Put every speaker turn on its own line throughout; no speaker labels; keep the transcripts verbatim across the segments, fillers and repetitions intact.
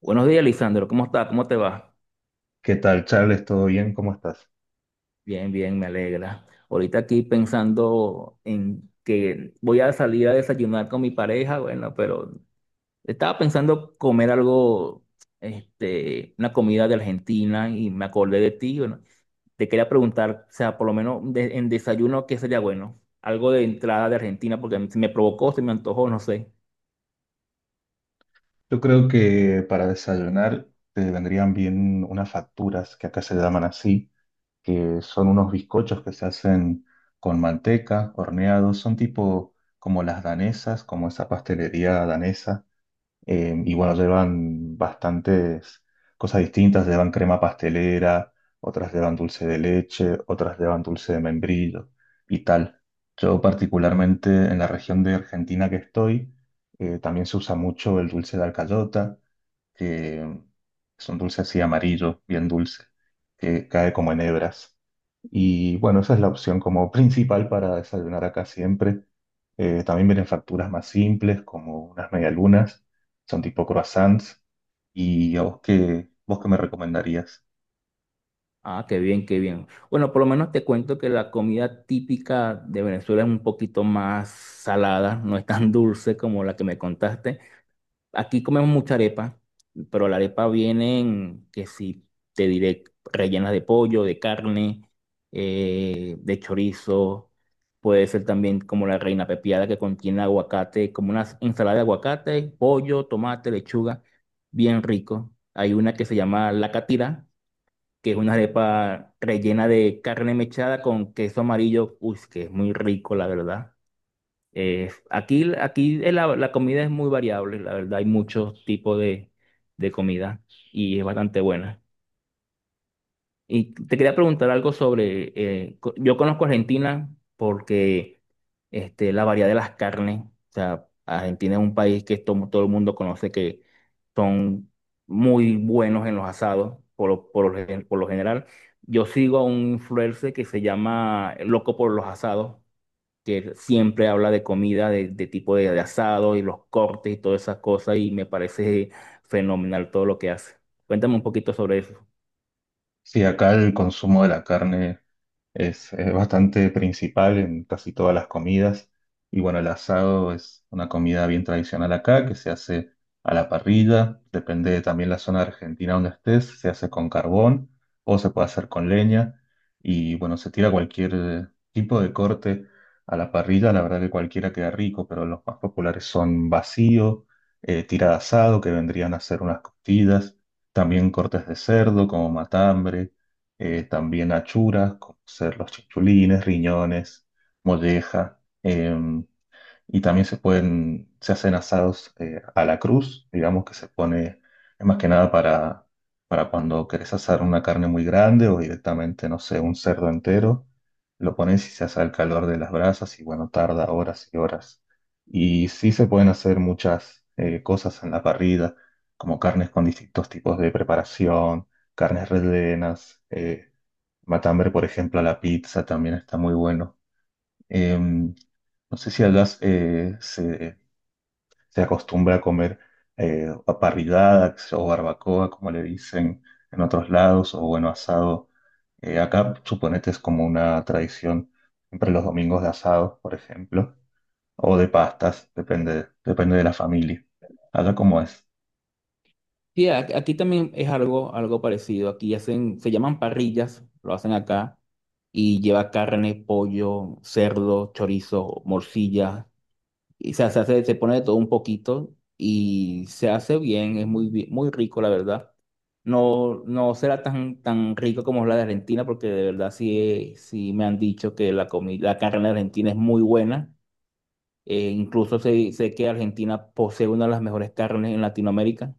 Buenos días, Lisandro. ¿Cómo estás? ¿Cómo te va?
¿Qué tal, Charles? ¿Todo bien? ¿Cómo estás?
Bien, bien, me alegra. Ahorita aquí pensando en que voy a salir a desayunar con mi pareja, bueno, pero estaba pensando comer algo, este, una comida de Argentina y me acordé de ti. Bueno, te quería preguntar, o sea, por lo menos de- en desayuno, ¿qué sería bueno? Algo de entrada de Argentina, porque se me provocó, se me antojó, no sé.
Yo creo que para desayunar te vendrían bien unas facturas, que acá se llaman así, que son unos bizcochos que se hacen con manteca, horneados, son tipo como las danesas, como esa pastelería danesa. Eh, y bueno, llevan bastantes cosas distintas, llevan crema pastelera, otras llevan dulce de leche, otras llevan dulce de membrillo y tal. Yo particularmente en la región de Argentina que estoy, eh, también se usa mucho el dulce de alcayota, que es un dulce así amarillo, bien dulce, que cae como en hebras. Y bueno, esa es la opción como principal para desayunar acá siempre. Eh, también vienen facturas más simples, como unas medialunas, son tipo croissants. ¿Y a vos qué, vos qué me recomendarías?
Ah, qué bien, qué bien. Bueno, por lo menos te cuento que la comida típica de Venezuela es un poquito más salada, no es tan dulce como la que me contaste. Aquí comemos mucha arepa, pero la arepa viene en, que si te diré, rellenas de pollo, de carne, eh, de chorizo. Puede ser también como la reina pepiada, que contiene aguacate, como una ensalada de aguacate, pollo, tomate, lechuga, bien rico. Hay una que se llama la catira, que es una arepa rellena de carne mechada con queso amarillo, uy, que es muy rico, la verdad. Eh, aquí aquí el- la, la comida es muy variable, la verdad, hay muchos tipos de, de comida y es bastante buena. Y te quería preguntar algo sobre, eh, co- yo conozco Argentina porque este, la variedad de las carnes. O sea, Argentina es un país que to- todo el mundo conoce que son muy buenos en los asados, por lo, por lo gen- por lo general. Yo sigo a un influencer que se llama Loco por los Asados, que siempre habla de comida, de, de tipo de, de asado y los cortes y todas esas cosas, y me parece fenomenal todo lo que hace. Cuéntame un poquito sobre eso.
Sí, acá el consumo de la carne es, eh, bastante principal en casi todas las comidas. Y bueno, el asado es una comida bien tradicional acá que se hace a la parrilla. Depende también la zona de Argentina donde estés. Se hace con carbón o se puede hacer con leña. Y bueno, se tira cualquier eh, tipo de corte a la parrilla. La verdad que cualquiera queda rico, pero los más populares son vacío, eh, tira de asado, que vendrían a ser unas costillas, también cortes de cerdo como matambre, eh, también achuras como ser los chinchulines, riñones, molleja. Em, y también se pueden, se hacen asados eh, a la cruz, digamos que se pone, es más que nada para, para cuando querés asar una carne muy grande o directamente, no sé, un cerdo entero, lo pones y se hace al calor de las brasas y bueno, tarda horas y horas. Y sí se pueden hacer muchas eh, cosas en la parrilla, como carnes con distintos tipos de preparación, carnes rellenas, eh, matambre, por ejemplo, a la pizza también está muy bueno. Em, no sé si hablas, eh, se, se acostumbra a comer eh, a parrillada o barbacoa, como le dicen en otros lados, o bueno, asado. Eh, acá, suponete, es como una tradición, siempre los domingos de asado, por ejemplo, o de pastas, depende, depende de la familia. Allá cómo es.
Sí, a- aquí también es algo, algo parecido. Aquí hacen, se llaman parrillas, lo hacen acá, y lleva carne, pollo, cerdo, chorizo, morcilla. Y se, hace, se hace- se pone de todo un poquito y se hace bien, es muy, bi- muy rico, la verdad. No, no será tan, tan rico como la de Argentina, porque de verdad sí, sí me han dicho que la comida, la carne de Argentina es muy buena. Eh, incluso sé, sé que Argentina posee una de las mejores carnes en Latinoamérica.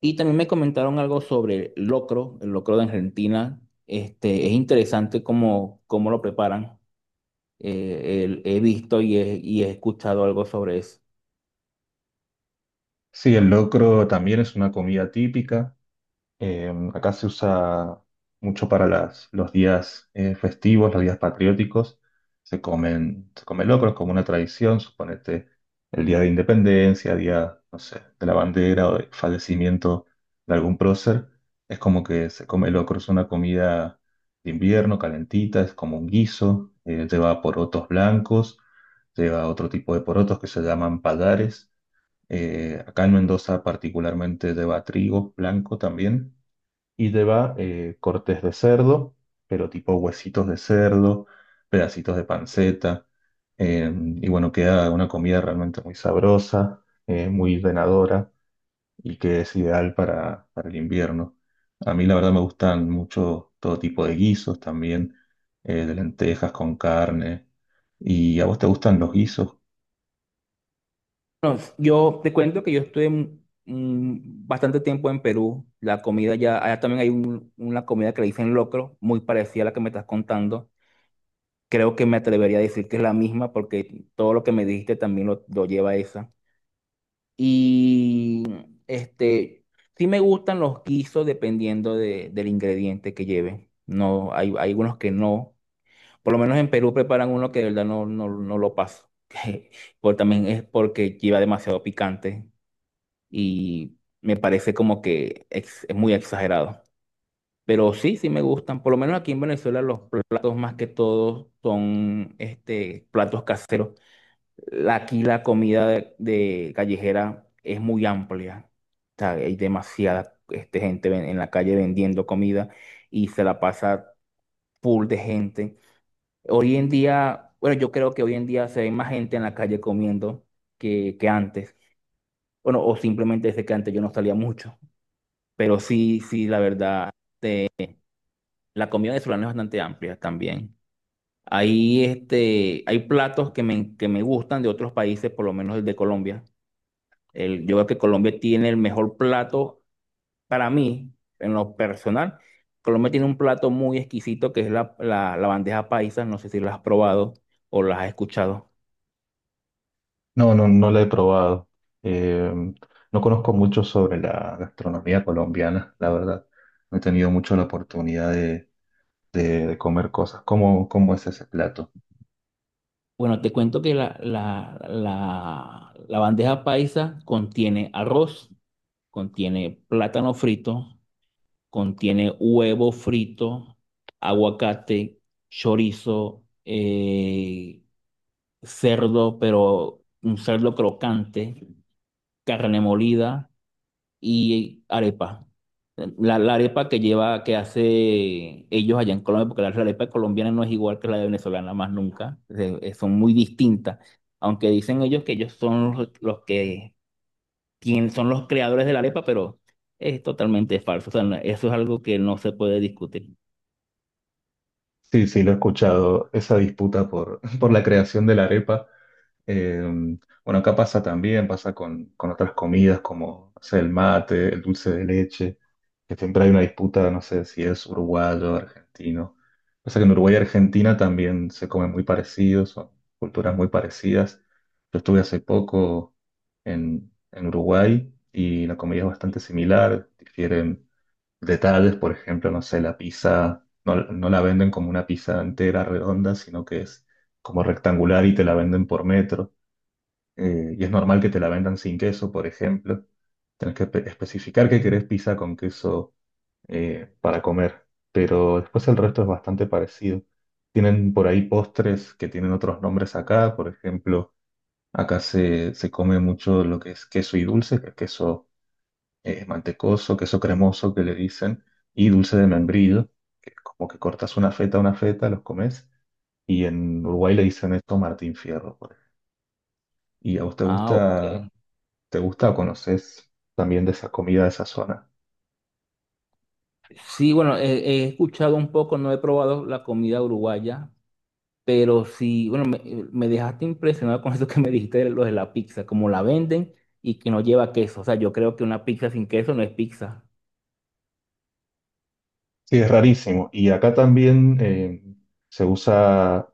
Y también me comentaron algo sobre el locro, el locro de Argentina. Este, es interesante cómo, cómo lo preparan. Eh, el- he visto y he, y he escuchado algo sobre eso.
Sí, el locro también es una comida típica. Eh, acá se usa mucho para las, los días eh, festivos, los días patrióticos. Se comen, se come locro, es como una tradición, suponete el día de independencia, día, no sé, de la bandera o de fallecimiento de algún prócer. Es como que se come locro, es una comida de invierno, calentita, es como un guiso, eh, lleva porotos blancos, lleva otro tipo de porotos que se llaman pallares. Eh, acá en Mendoza particularmente lleva trigo blanco también y lleva eh, cortes de cerdo, pero tipo huesitos de cerdo, pedacitos de panceta, eh, y bueno, queda una comida realmente muy sabrosa, eh, muy llenadora y que es ideal para, para el invierno. A mí la verdad me gustan mucho todo tipo de guisos también, eh, de lentejas con carne. ¿Y a vos te gustan los guisos?
Bueno, yo te cuento que yo estuve mm, bastante tiempo en Perú. La comida ya, allá también hay un- una comida que le dicen locro, muy parecida a la que me estás contando. Creo que me atrevería a decir que es la misma porque todo lo que me dijiste también lo, lo lleva a esa. Y este, sí me gustan los guisos dependiendo de- del ingrediente que lleve. No, hay, hay algunos que no. Por lo menos en Perú preparan uno que de verdad no, no, no lo paso. Por, también es porque lleva demasiado picante y me parece como que ex- es muy exagerado. Pero sí, sí me gustan. Por lo menos aquí en Venezuela los platos más que todos son este, platos caseros la- Aquí la comida de, de callejera es muy amplia. O sea, hay demasiada este, gente ven- en la calle vendiendo comida y se la pasa full de gente. Hoy en día, bueno, yo creo que hoy en día se ve más gente en la calle comiendo que, que antes. Bueno, o simplemente desde que antes yo no salía mucho. Pero sí, sí, la verdad, la comida venezolana es bastante amplia también. Hay, este, hay platos que me, que me gustan de otros países, por lo menos el de Colombia. El, yo creo que Colombia tiene el mejor plato para mí, en lo personal. Colombia tiene un plato muy exquisito que es la, la- la bandeja paisa. No sé si la has probado o la has escuchado.
No, no, no la he probado. Eh, no conozco mucho sobre la gastronomía colombiana, la verdad. No he tenido mucho la oportunidad de, de- de comer cosas. ¿Cómo, cómo es ese plato?
Bueno, te cuento que la, la, la, la bandeja paisa contiene arroz, contiene plátano frito, contiene huevo frito, aguacate, chorizo, eh, cerdo, pero un cerdo crocante, carne molida y arepa. La, la arepa que lleva, que hace ellos allá en Colombia, porque la arepa colombiana no es igual que la venezolana, más nunca, se- eh, son muy distintas. Aunque dicen ellos que ellos son los, los que quien son los creadores de la arepa, pero es totalmente falso. O sea, no- eso es algo que no se puede discutir.
Sí, sí, lo he escuchado, esa disputa por, por la creación de la arepa. Eh, bueno, acá pasa también, pasa con, con otras comidas como, no sé, el mate, el dulce de leche, que siempre hay una disputa, no sé si es uruguayo o argentino. Pasa que en Uruguay y Argentina también se comen muy parecidos, son culturas muy parecidas. Yo estuve hace poco en, en Uruguay y la comida es bastante similar, difieren detalles, por ejemplo, no sé, la pizza, no, no la venden como una pizza entera redonda, sino que es como rectangular y te la venden por metro, eh, y es normal que te la vendan sin queso, por ejemplo. Tenés que espe- especificar que querés pizza con queso eh, para comer, pero después el resto es bastante parecido. Tienen por ahí postres que tienen otros nombres acá, por ejemplo, acá se, se come mucho lo que es queso y dulce, que es queso eh, mantecoso, queso cremoso que le dicen, y dulce de membrillo, que es como que cortas una feta, una feta, los comes, y en Uruguay le dicen esto Martín Fierro, por ejemplo. ¿Y a vos te
Ah, ok.
gusta? ¿Te gusta o conoces también de esa comida de esa zona?
Sí, bueno, he, he escuchado un poco, no he probado la comida uruguaya. Pero sí, bueno, me, eh, me dejaste impresionado con eso que me dijiste de lo de la pizza, como la venden y que no lleva queso. O sea, yo creo que una pizza sin queso no es pizza.
Sí, es rarísimo. Y acá también eh, se usa,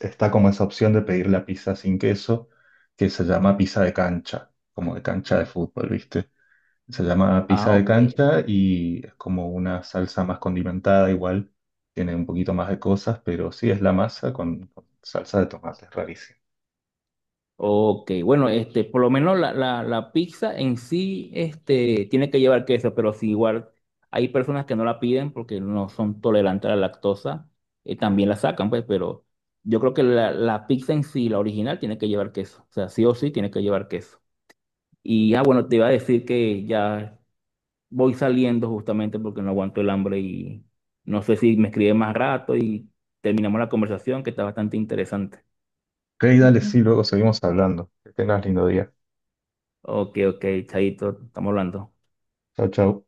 está como esa opción de pedir la pizza sin queso, que se llama pizza de cancha, como de cancha de fútbol, ¿viste? Se llama pizza
Ah,
de
ok.
cancha y es como una salsa más condimentada, igual, tiene un poquito más de cosas, pero sí es la masa con, con salsa de tomate, es rarísimo.
Ok, bueno, este, por lo menos la, la, la pizza en sí, este, tiene que llevar queso, pero si igual hay personas que no la piden porque no son tolerantes a la lactosa, eh, también la sacan, pues, pero yo creo que la, la pizza en sí, la original, tiene que llevar queso. O sea, sí o sí tiene que llevar queso. Y ah, bueno, te iba a decir que ya voy saliendo justamente porque no aguanto el hambre y no sé si me escribe más rato y terminamos la conversación, que está bastante interesante.
Ok, dale,
Ujú.
sí, luego seguimos hablando. Que tengas lindo día.
Ok, ok, Chaito, estamos hablando.
Chau, chau.